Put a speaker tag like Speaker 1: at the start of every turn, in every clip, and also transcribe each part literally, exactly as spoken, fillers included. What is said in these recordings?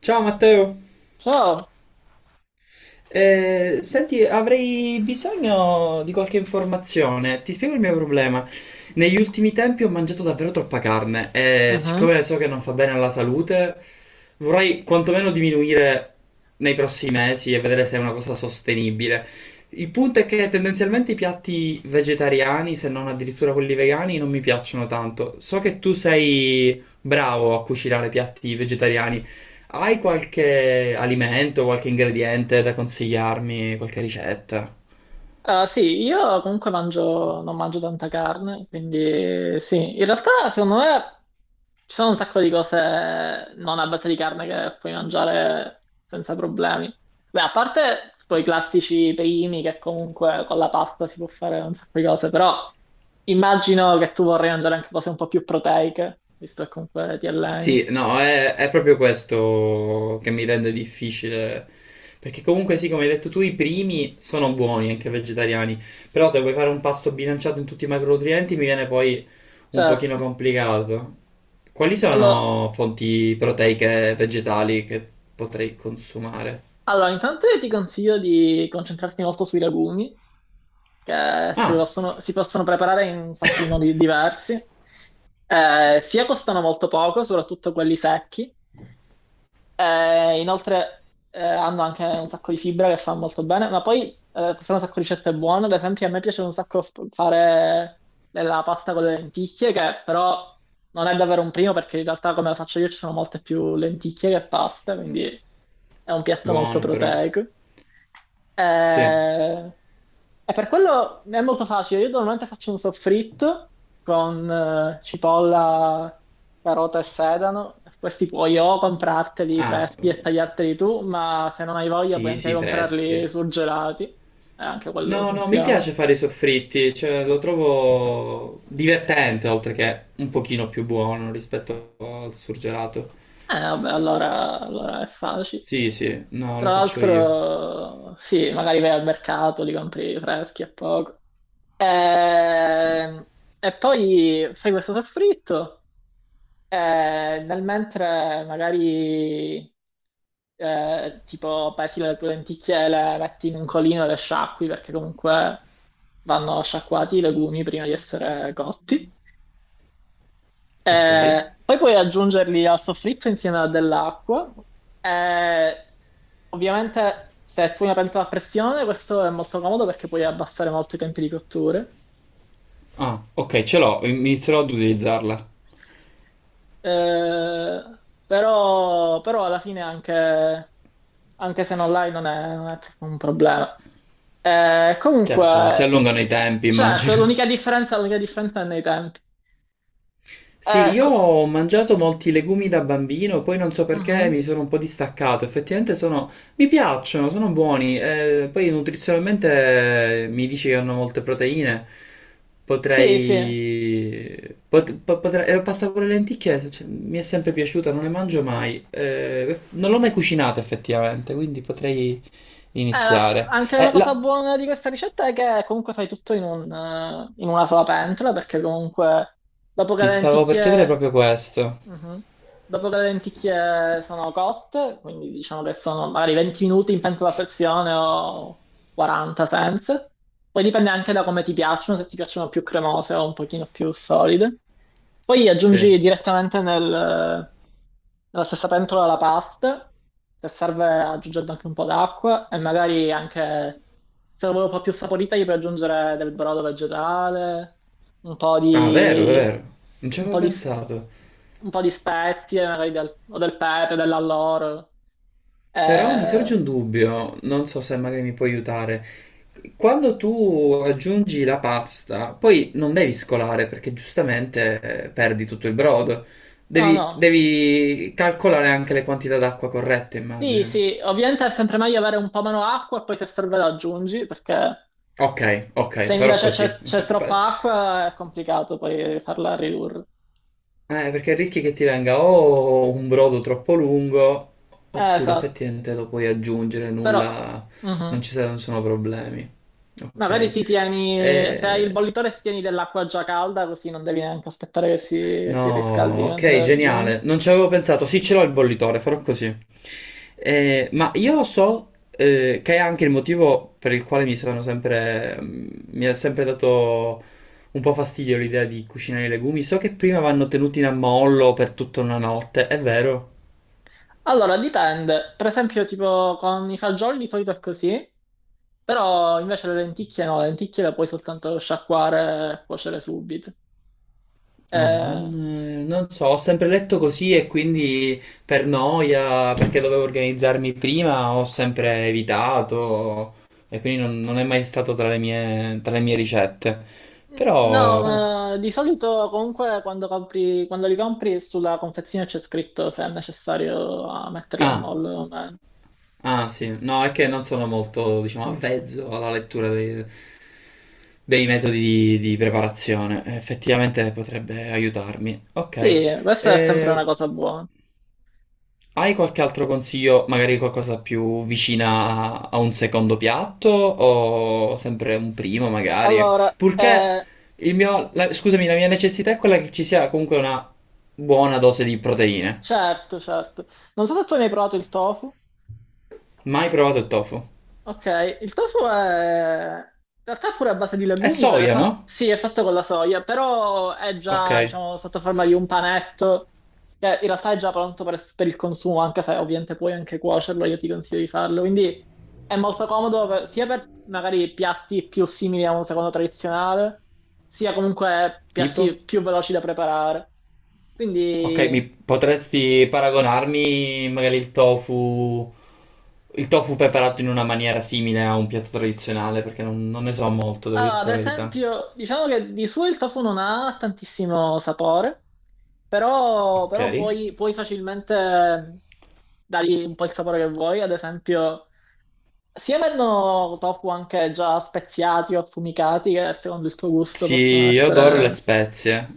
Speaker 1: Ciao Matteo.
Speaker 2: Ciao.
Speaker 1: Eh, senti, avrei bisogno di qualche informazione. Ti spiego il mio problema. Negli ultimi tempi ho mangiato davvero troppa carne e
Speaker 2: Mhm.
Speaker 1: siccome so che non fa bene alla salute, vorrei quantomeno diminuire nei prossimi mesi e vedere se è una cosa sostenibile. Il punto è che tendenzialmente i piatti vegetariani, se non addirittura quelli vegani, non mi piacciono tanto. So che tu sei bravo a cucinare piatti vegetariani. Hai qualche alimento, qualche ingrediente da consigliarmi, qualche ricetta?
Speaker 2: Ah, sì, io comunque mangio, non mangio tanta carne, quindi sì, in realtà secondo me ci sono un sacco di cose non a base di carne che puoi mangiare senza problemi. Beh, a parte poi i classici primi che comunque con la pasta si può fare un sacco di cose, però immagino che tu vorrai mangiare anche cose un po' più proteiche, visto che comunque ti
Speaker 1: Sì,
Speaker 2: alleni.
Speaker 1: no, è, è proprio questo che mi rende difficile. Perché comunque sì, come hai detto tu, i primi sono buoni, anche vegetariani. Però se vuoi fare un pasto bilanciato in tutti i macronutrienti, mi viene poi un pochino
Speaker 2: Certo.
Speaker 1: complicato. Quali
Speaker 2: Allora,
Speaker 1: sono fonti proteiche vegetali che potrei consumare?
Speaker 2: allora intanto io ti consiglio di concentrarti molto sui legumi che si
Speaker 1: Ah,
Speaker 2: possono, si possono preparare in un sacco di modi diversi. Eh, sia costano molto poco, soprattutto quelli secchi. Eh, inoltre eh, hanno anche un sacco di fibra che fa molto bene, ma poi eh, sono un sacco di ricette buone, ad esempio a me piace un sacco f- fare la pasta con le lenticchie, che però non è davvero un primo perché in realtà come la faccio io ci sono molte più lenticchie che pasta, quindi è un piatto molto
Speaker 1: buone però.
Speaker 2: proteico.
Speaker 1: Sì.
Speaker 2: Eh, E per quello è molto facile. Io normalmente faccio un soffritto con eh, cipolla, carota e sedano. Questi puoi o comprarteli
Speaker 1: Ah,
Speaker 2: freschi
Speaker 1: eh,
Speaker 2: e tagliarteli tu, ma se non hai voglia puoi
Speaker 1: sì,
Speaker 2: anche
Speaker 1: sì,
Speaker 2: comprarli
Speaker 1: fresche.
Speaker 2: surgelati. E anche quello
Speaker 1: No, no, mi
Speaker 2: funziona.
Speaker 1: piace fare i soffritti, cioè lo trovo divertente, oltre che un pochino più buono rispetto al surgelato.
Speaker 2: Eh, vabbè, allora, allora è facile.
Speaker 1: Sì, sì, no, lo
Speaker 2: Tra
Speaker 1: faccio io.
Speaker 2: l'altro, sì, magari vai al mercato, li compri freschi a poco.
Speaker 1: Sì.
Speaker 2: Ehm, E poi fai questo soffritto. Eh, nel mentre magari eh, tipo peti le tue lenticchie, le metti in un colino e le sciacqui perché comunque vanno sciacquati i legumi prima di essere cotti.
Speaker 1: Ok.
Speaker 2: Eh, poi puoi aggiungerli al soffritto insieme a dell'acqua. Eh, Ovviamente se tu hai una pentola a pressione questo è molto comodo perché puoi abbassare molto i tempi di cottura.
Speaker 1: Ah, ok, ce l'ho, inizierò ad utilizzarla.
Speaker 2: Eh, Però, però alla fine è anche anche se non l'hai non è, non è troppo un problema. Eh,
Speaker 1: Certo, si
Speaker 2: comunque,
Speaker 1: allungano i tempi,
Speaker 2: certo,
Speaker 1: immagino.
Speaker 2: l'unica differenza, l'unica differenza è nei tempi.
Speaker 1: Sì,
Speaker 2: Eh,
Speaker 1: io
Speaker 2: co-
Speaker 1: ho mangiato molti legumi da bambino, poi non so perché
Speaker 2: mhm.
Speaker 1: mi sono un po' distaccato. Effettivamente sono, mi piacciono, sono buoni. Eh, poi nutrizionalmente eh, mi dici che hanno molte proteine.
Speaker 2: Sì, sì. Eh,
Speaker 1: Potrei, pot- po- potrei, eh, pasta con le lenticchie, se- cioè, mi è sempre piaciuta, non le mangio mai. Eh, non l'ho mai cucinata effettivamente, quindi potrei
Speaker 2: la-
Speaker 1: iniziare.
Speaker 2: anche
Speaker 1: Eh,
Speaker 2: una cosa
Speaker 1: la-
Speaker 2: buona di questa ricetta è che comunque fai tutto in, un, eh, in una sola pentola, perché comunque dopo che
Speaker 1: ti
Speaker 2: le
Speaker 1: stavo per chiedere
Speaker 2: lenticchie...
Speaker 1: proprio questo.
Speaker 2: Mhm. Dopo che le lenticchie sono cotte, quindi diciamo che sono magari venti minuti in pentola a pressione o quaranta senza. Poi dipende anche da come ti piacciono, se ti piacciono più cremose o un pochino più solide. Poi
Speaker 1: Sì.
Speaker 2: aggiungi direttamente nel- nella stessa pentola la pasta, se serve aggiungendo anche un po' d'acqua e magari anche, se la vuoi un po' più saporita, gli puoi aggiungere del brodo vegetale, un po'
Speaker 1: Ah, vero,
Speaker 2: di,
Speaker 1: vero. Non ci
Speaker 2: un
Speaker 1: avevo
Speaker 2: po' di, s-
Speaker 1: pensato.
Speaker 2: un po' di spezie, magari del, o del pepe, dell'alloro.
Speaker 1: Però mi sorge
Speaker 2: Eh,
Speaker 1: un dubbio, non so se magari mi puoi aiutare. Quando tu aggiungi la pasta, poi non devi scolare perché giustamente eh, perdi tutto il brodo.
Speaker 2: no,
Speaker 1: Devi,
Speaker 2: no.
Speaker 1: devi calcolare anche le quantità d'acqua corrette,
Speaker 2: Sì,
Speaker 1: immagino.
Speaker 2: sì, ovviamente è sempre meglio avere un po' meno acqua e poi se serve la aggiungi perché...
Speaker 1: Ok, ok,
Speaker 2: Se
Speaker 1: farò
Speaker 2: invece
Speaker 1: così.
Speaker 2: c'è c'è
Speaker 1: Pa-
Speaker 2: troppa acqua è complicato poi farla ridurre.
Speaker 1: Eh, perché rischi che ti venga o un brodo troppo lungo,
Speaker 2: Eh,
Speaker 1: oppure
Speaker 2: esatto,
Speaker 1: effettivamente lo puoi aggiungere,
Speaker 2: però
Speaker 1: nulla, non
Speaker 2: mhm.
Speaker 1: ci saranno sono problemi.
Speaker 2: Magari
Speaker 1: Ok.
Speaker 2: ti tieni, se hai il
Speaker 1: Eh,
Speaker 2: bollitore ti tieni dell'acqua già calda così non devi neanche aspettare che si, che si
Speaker 1: No,
Speaker 2: riscaldi mentre
Speaker 1: ok,
Speaker 2: la aggiungi.
Speaker 1: geniale. Non ci avevo pensato. Sì, ce l'ho il bollitore, farò così. Eh, ma io so eh, che è anche il motivo per il quale mi sono sempre, mm, mi ha sempre dato un po' fastidio l'idea di cucinare i legumi. So che prima vanno tenuti in ammollo per tutta una notte, è vero?
Speaker 2: Allora, dipende. Per esempio, tipo con i fagioli di solito è così, però invece le lenticchie no, le lenticchie le puoi soltanto sciacquare e cuocere subito.
Speaker 1: Ah,
Speaker 2: Eh,
Speaker 1: non, eh, non so, ho sempre letto così e quindi per noia, perché dovevo organizzarmi prima, ho sempre evitato e quindi non, non è mai stato tra le mie, tra le mie ricette.
Speaker 2: No,
Speaker 1: Però...
Speaker 2: ma di solito comunque quando compri, quando li compri sulla confezione c'è scritto se è necessario a metterli a
Speaker 1: Ah,
Speaker 2: mollo o meno.
Speaker 1: ah sì, no, è che non sono molto, diciamo, avvezzo alla lettura dei, dei metodi di, di preparazione. Effettivamente potrebbe aiutarmi. Ok,
Speaker 2: Sì, questa è sempre una
Speaker 1: eh,
Speaker 2: cosa buona.
Speaker 1: hai qualche altro consiglio, magari qualcosa più vicina a a un secondo piatto o sempre un primo magari?
Speaker 2: Allora,
Speaker 1: Purché
Speaker 2: eh,
Speaker 1: il mio, la- scusami, la mia necessità è quella che ci sia comunque una buona dose di proteine.
Speaker 2: certo, certo. Non so se tu hai mai provato il tofu.
Speaker 1: Mai provato il tofu?
Speaker 2: Ok, il tofu è... In realtà è pure a base di
Speaker 1: È
Speaker 2: legumi, è
Speaker 1: soia,
Speaker 2: fa-
Speaker 1: no?
Speaker 2: sì, è fatto con la soia, però è
Speaker 1: Ok,
Speaker 2: già, diciamo, sotto forma di un panetto, che in realtà è già pronto per, per il consumo, anche se ovviamente puoi anche cuocerlo, io ti consiglio di farlo. Quindi è molto comodo per- sia per magari piatti più simili a un secondo tradizionale, sia comunque
Speaker 1: tipo?
Speaker 2: piatti più veloci da preparare.
Speaker 1: Ok, mi
Speaker 2: Quindi,
Speaker 1: potresti paragonarmi magari il tofu, il tofu preparato in una maniera simile a un piatto tradizionale, perché non, non ne so molto, devo
Speaker 2: ah,
Speaker 1: dirti
Speaker 2: ad
Speaker 1: la verità.
Speaker 2: esempio, diciamo che di suo il tofu non ha tantissimo sapore. Però,
Speaker 1: Ok.
Speaker 2: però puoi, puoi facilmente dargli un po' il sapore che vuoi, ad esempio, sia vendono tofu anche già speziati o affumicati, che secondo il tuo gusto
Speaker 1: Sì,
Speaker 2: possono
Speaker 1: io adoro le
Speaker 2: essere,
Speaker 1: spezie.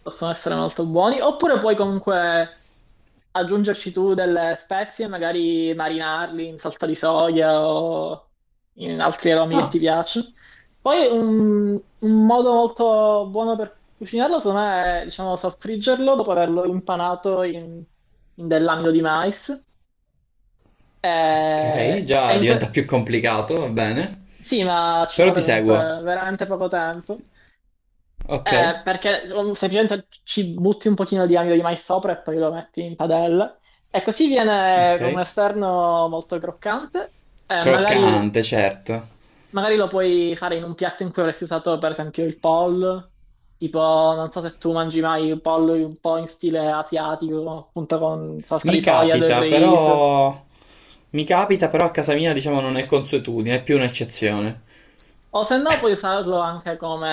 Speaker 2: possono essere molto buoni, oppure puoi comunque aggiungerci tu delle spezie, magari marinarli in salsa di soia o in altri aromi che
Speaker 1: Ah,
Speaker 2: ti piacciono. Poi un, un modo molto buono per cucinarlo, secondo me, è, diciamo, soffriggerlo dopo averlo impanato in, in dell'amido di mais. E-
Speaker 1: ok,
Speaker 2: e
Speaker 1: già
Speaker 2: in
Speaker 1: diventa
Speaker 2: que-
Speaker 1: più complicato, va bene.
Speaker 2: sì, ma ci
Speaker 1: Però ti
Speaker 2: vuole comunque
Speaker 1: seguo.
Speaker 2: veramente poco tempo.
Speaker 1: Ok,
Speaker 2: Eh, perché um, semplicemente ci butti un pochino di amido di mais sopra e poi lo metti in padella. E così viene con un
Speaker 1: ok.
Speaker 2: esterno molto croccante. Eh, magari,
Speaker 1: Croccante, certo.
Speaker 2: magari lo puoi fare in un piatto in cui avresti usato, per esempio, il pollo. Tipo, non so se tu mangi mai il pollo un po' in stile asiatico, appunto con salsa di
Speaker 1: Mi
Speaker 2: soia, del
Speaker 1: capita,
Speaker 2: riso.
Speaker 1: però... Mi capita, però a casa mia, diciamo, non è consuetudine, è più un'eccezione.
Speaker 2: O se no puoi usarlo anche come...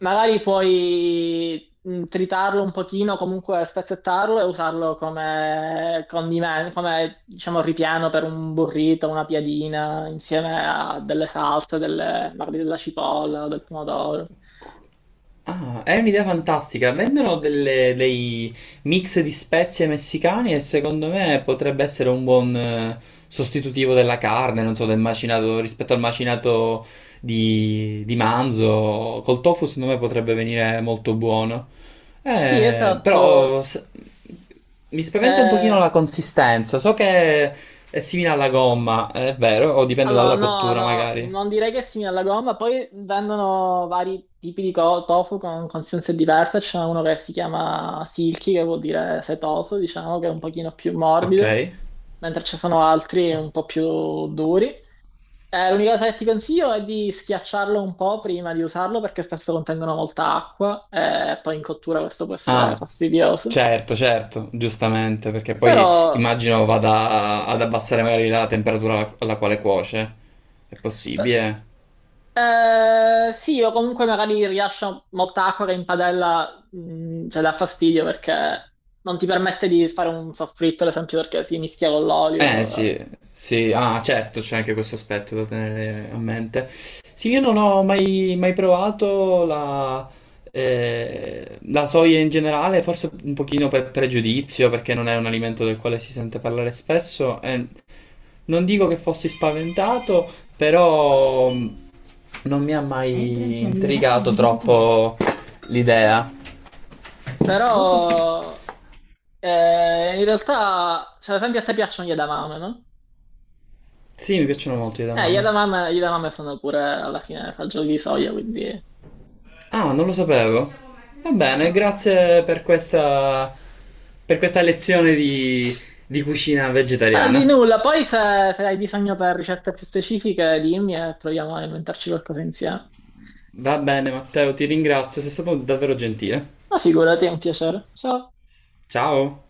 Speaker 2: Magari puoi mh, tritarlo un pochino, comunque spezzettarlo e usarlo come condimento, come diciamo ripieno per un burrito, una piadina, insieme a delle salse, delle- magari della cipolla o del pomodoro.
Speaker 1: Ah, è un'idea fantastica. Vendono delle- dei mix di spezie messicane e secondo me potrebbe essere un buon eh, sostitutivo della carne, non so, del macinato rispetto al macinato di, di manzo. Col tofu secondo me potrebbe venire molto buono.
Speaker 2: Sì,
Speaker 1: Eh,
Speaker 2: esatto.
Speaker 1: però s- Mi spaventa un pochino
Speaker 2: Eh,
Speaker 1: la consistenza. So che è simile alla gomma, è vero, o dipende
Speaker 2: Allora,
Speaker 1: dalla
Speaker 2: no,
Speaker 1: cottura
Speaker 2: no,
Speaker 1: magari.
Speaker 2: non direi che è simile alla gomma, poi vendono vari tipi di co- tofu con consistenze diverse, c'è uno che si chiama silky, che vuol dire setoso, diciamo, che è un pochino più
Speaker 1: Ok.
Speaker 2: morbido, mentre ci sono altri
Speaker 1: Ok.
Speaker 2: un po' più duri. Eh, l'unica cosa che ti consiglio è di schiacciarlo un po' prima di usarlo, perché spesso contengono molta acqua, e poi in cottura questo può essere
Speaker 1: Ah,
Speaker 2: fastidioso.
Speaker 1: certo, certo, giustamente, perché
Speaker 2: Però...
Speaker 1: poi immagino vada a- ad abbassare magari la temperatura alla alla quale cuoce. È
Speaker 2: eh,
Speaker 1: possibile?
Speaker 2: Eh, sì, o comunque magari rilascio molta acqua che in padella, mh, cioè dà fastidio perché non ti permette di fare un soffritto, ad esempio, perché si mischia con
Speaker 1: Eh
Speaker 2: l'olio.
Speaker 1: sì, sì, ah certo, c'è anche questo aspetto da tenere a mente. Sì, io non ho mai, mai provato la, eh, la soia in generale, forse un pochino per pregiudizio, perché non è un alimento del quale si sente parlare spesso. E non dico che fossi spaventato, però mh, non mi ha mai intrigato troppo l'idea.
Speaker 2: Però eh, in realtà, cioè, ad esempio, a te piacciono gli edamame, no?
Speaker 1: Sì, mi piacciono molto le
Speaker 2: Eh, gli
Speaker 1: edamame.
Speaker 2: edamame, gli edamame sono pure alla fine fagioli di soia, quindi
Speaker 1: Ah, non lo sapevo. Va bene,
Speaker 2: eh.
Speaker 1: grazie per questa, per questa lezione di, di cucina
Speaker 2: Eh, di
Speaker 1: vegetariana.
Speaker 2: nulla. Poi se, se hai bisogno per ricette più specifiche, dimmi e proviamo a inventarci qualcosa insieme.
Speaker 1: Va bene, Matteo, ti ringrazio, sei stato davvero gentile.
Speaker 2: Ma figurati, è un piacere. Ciao.
Speaker 1: Ciao.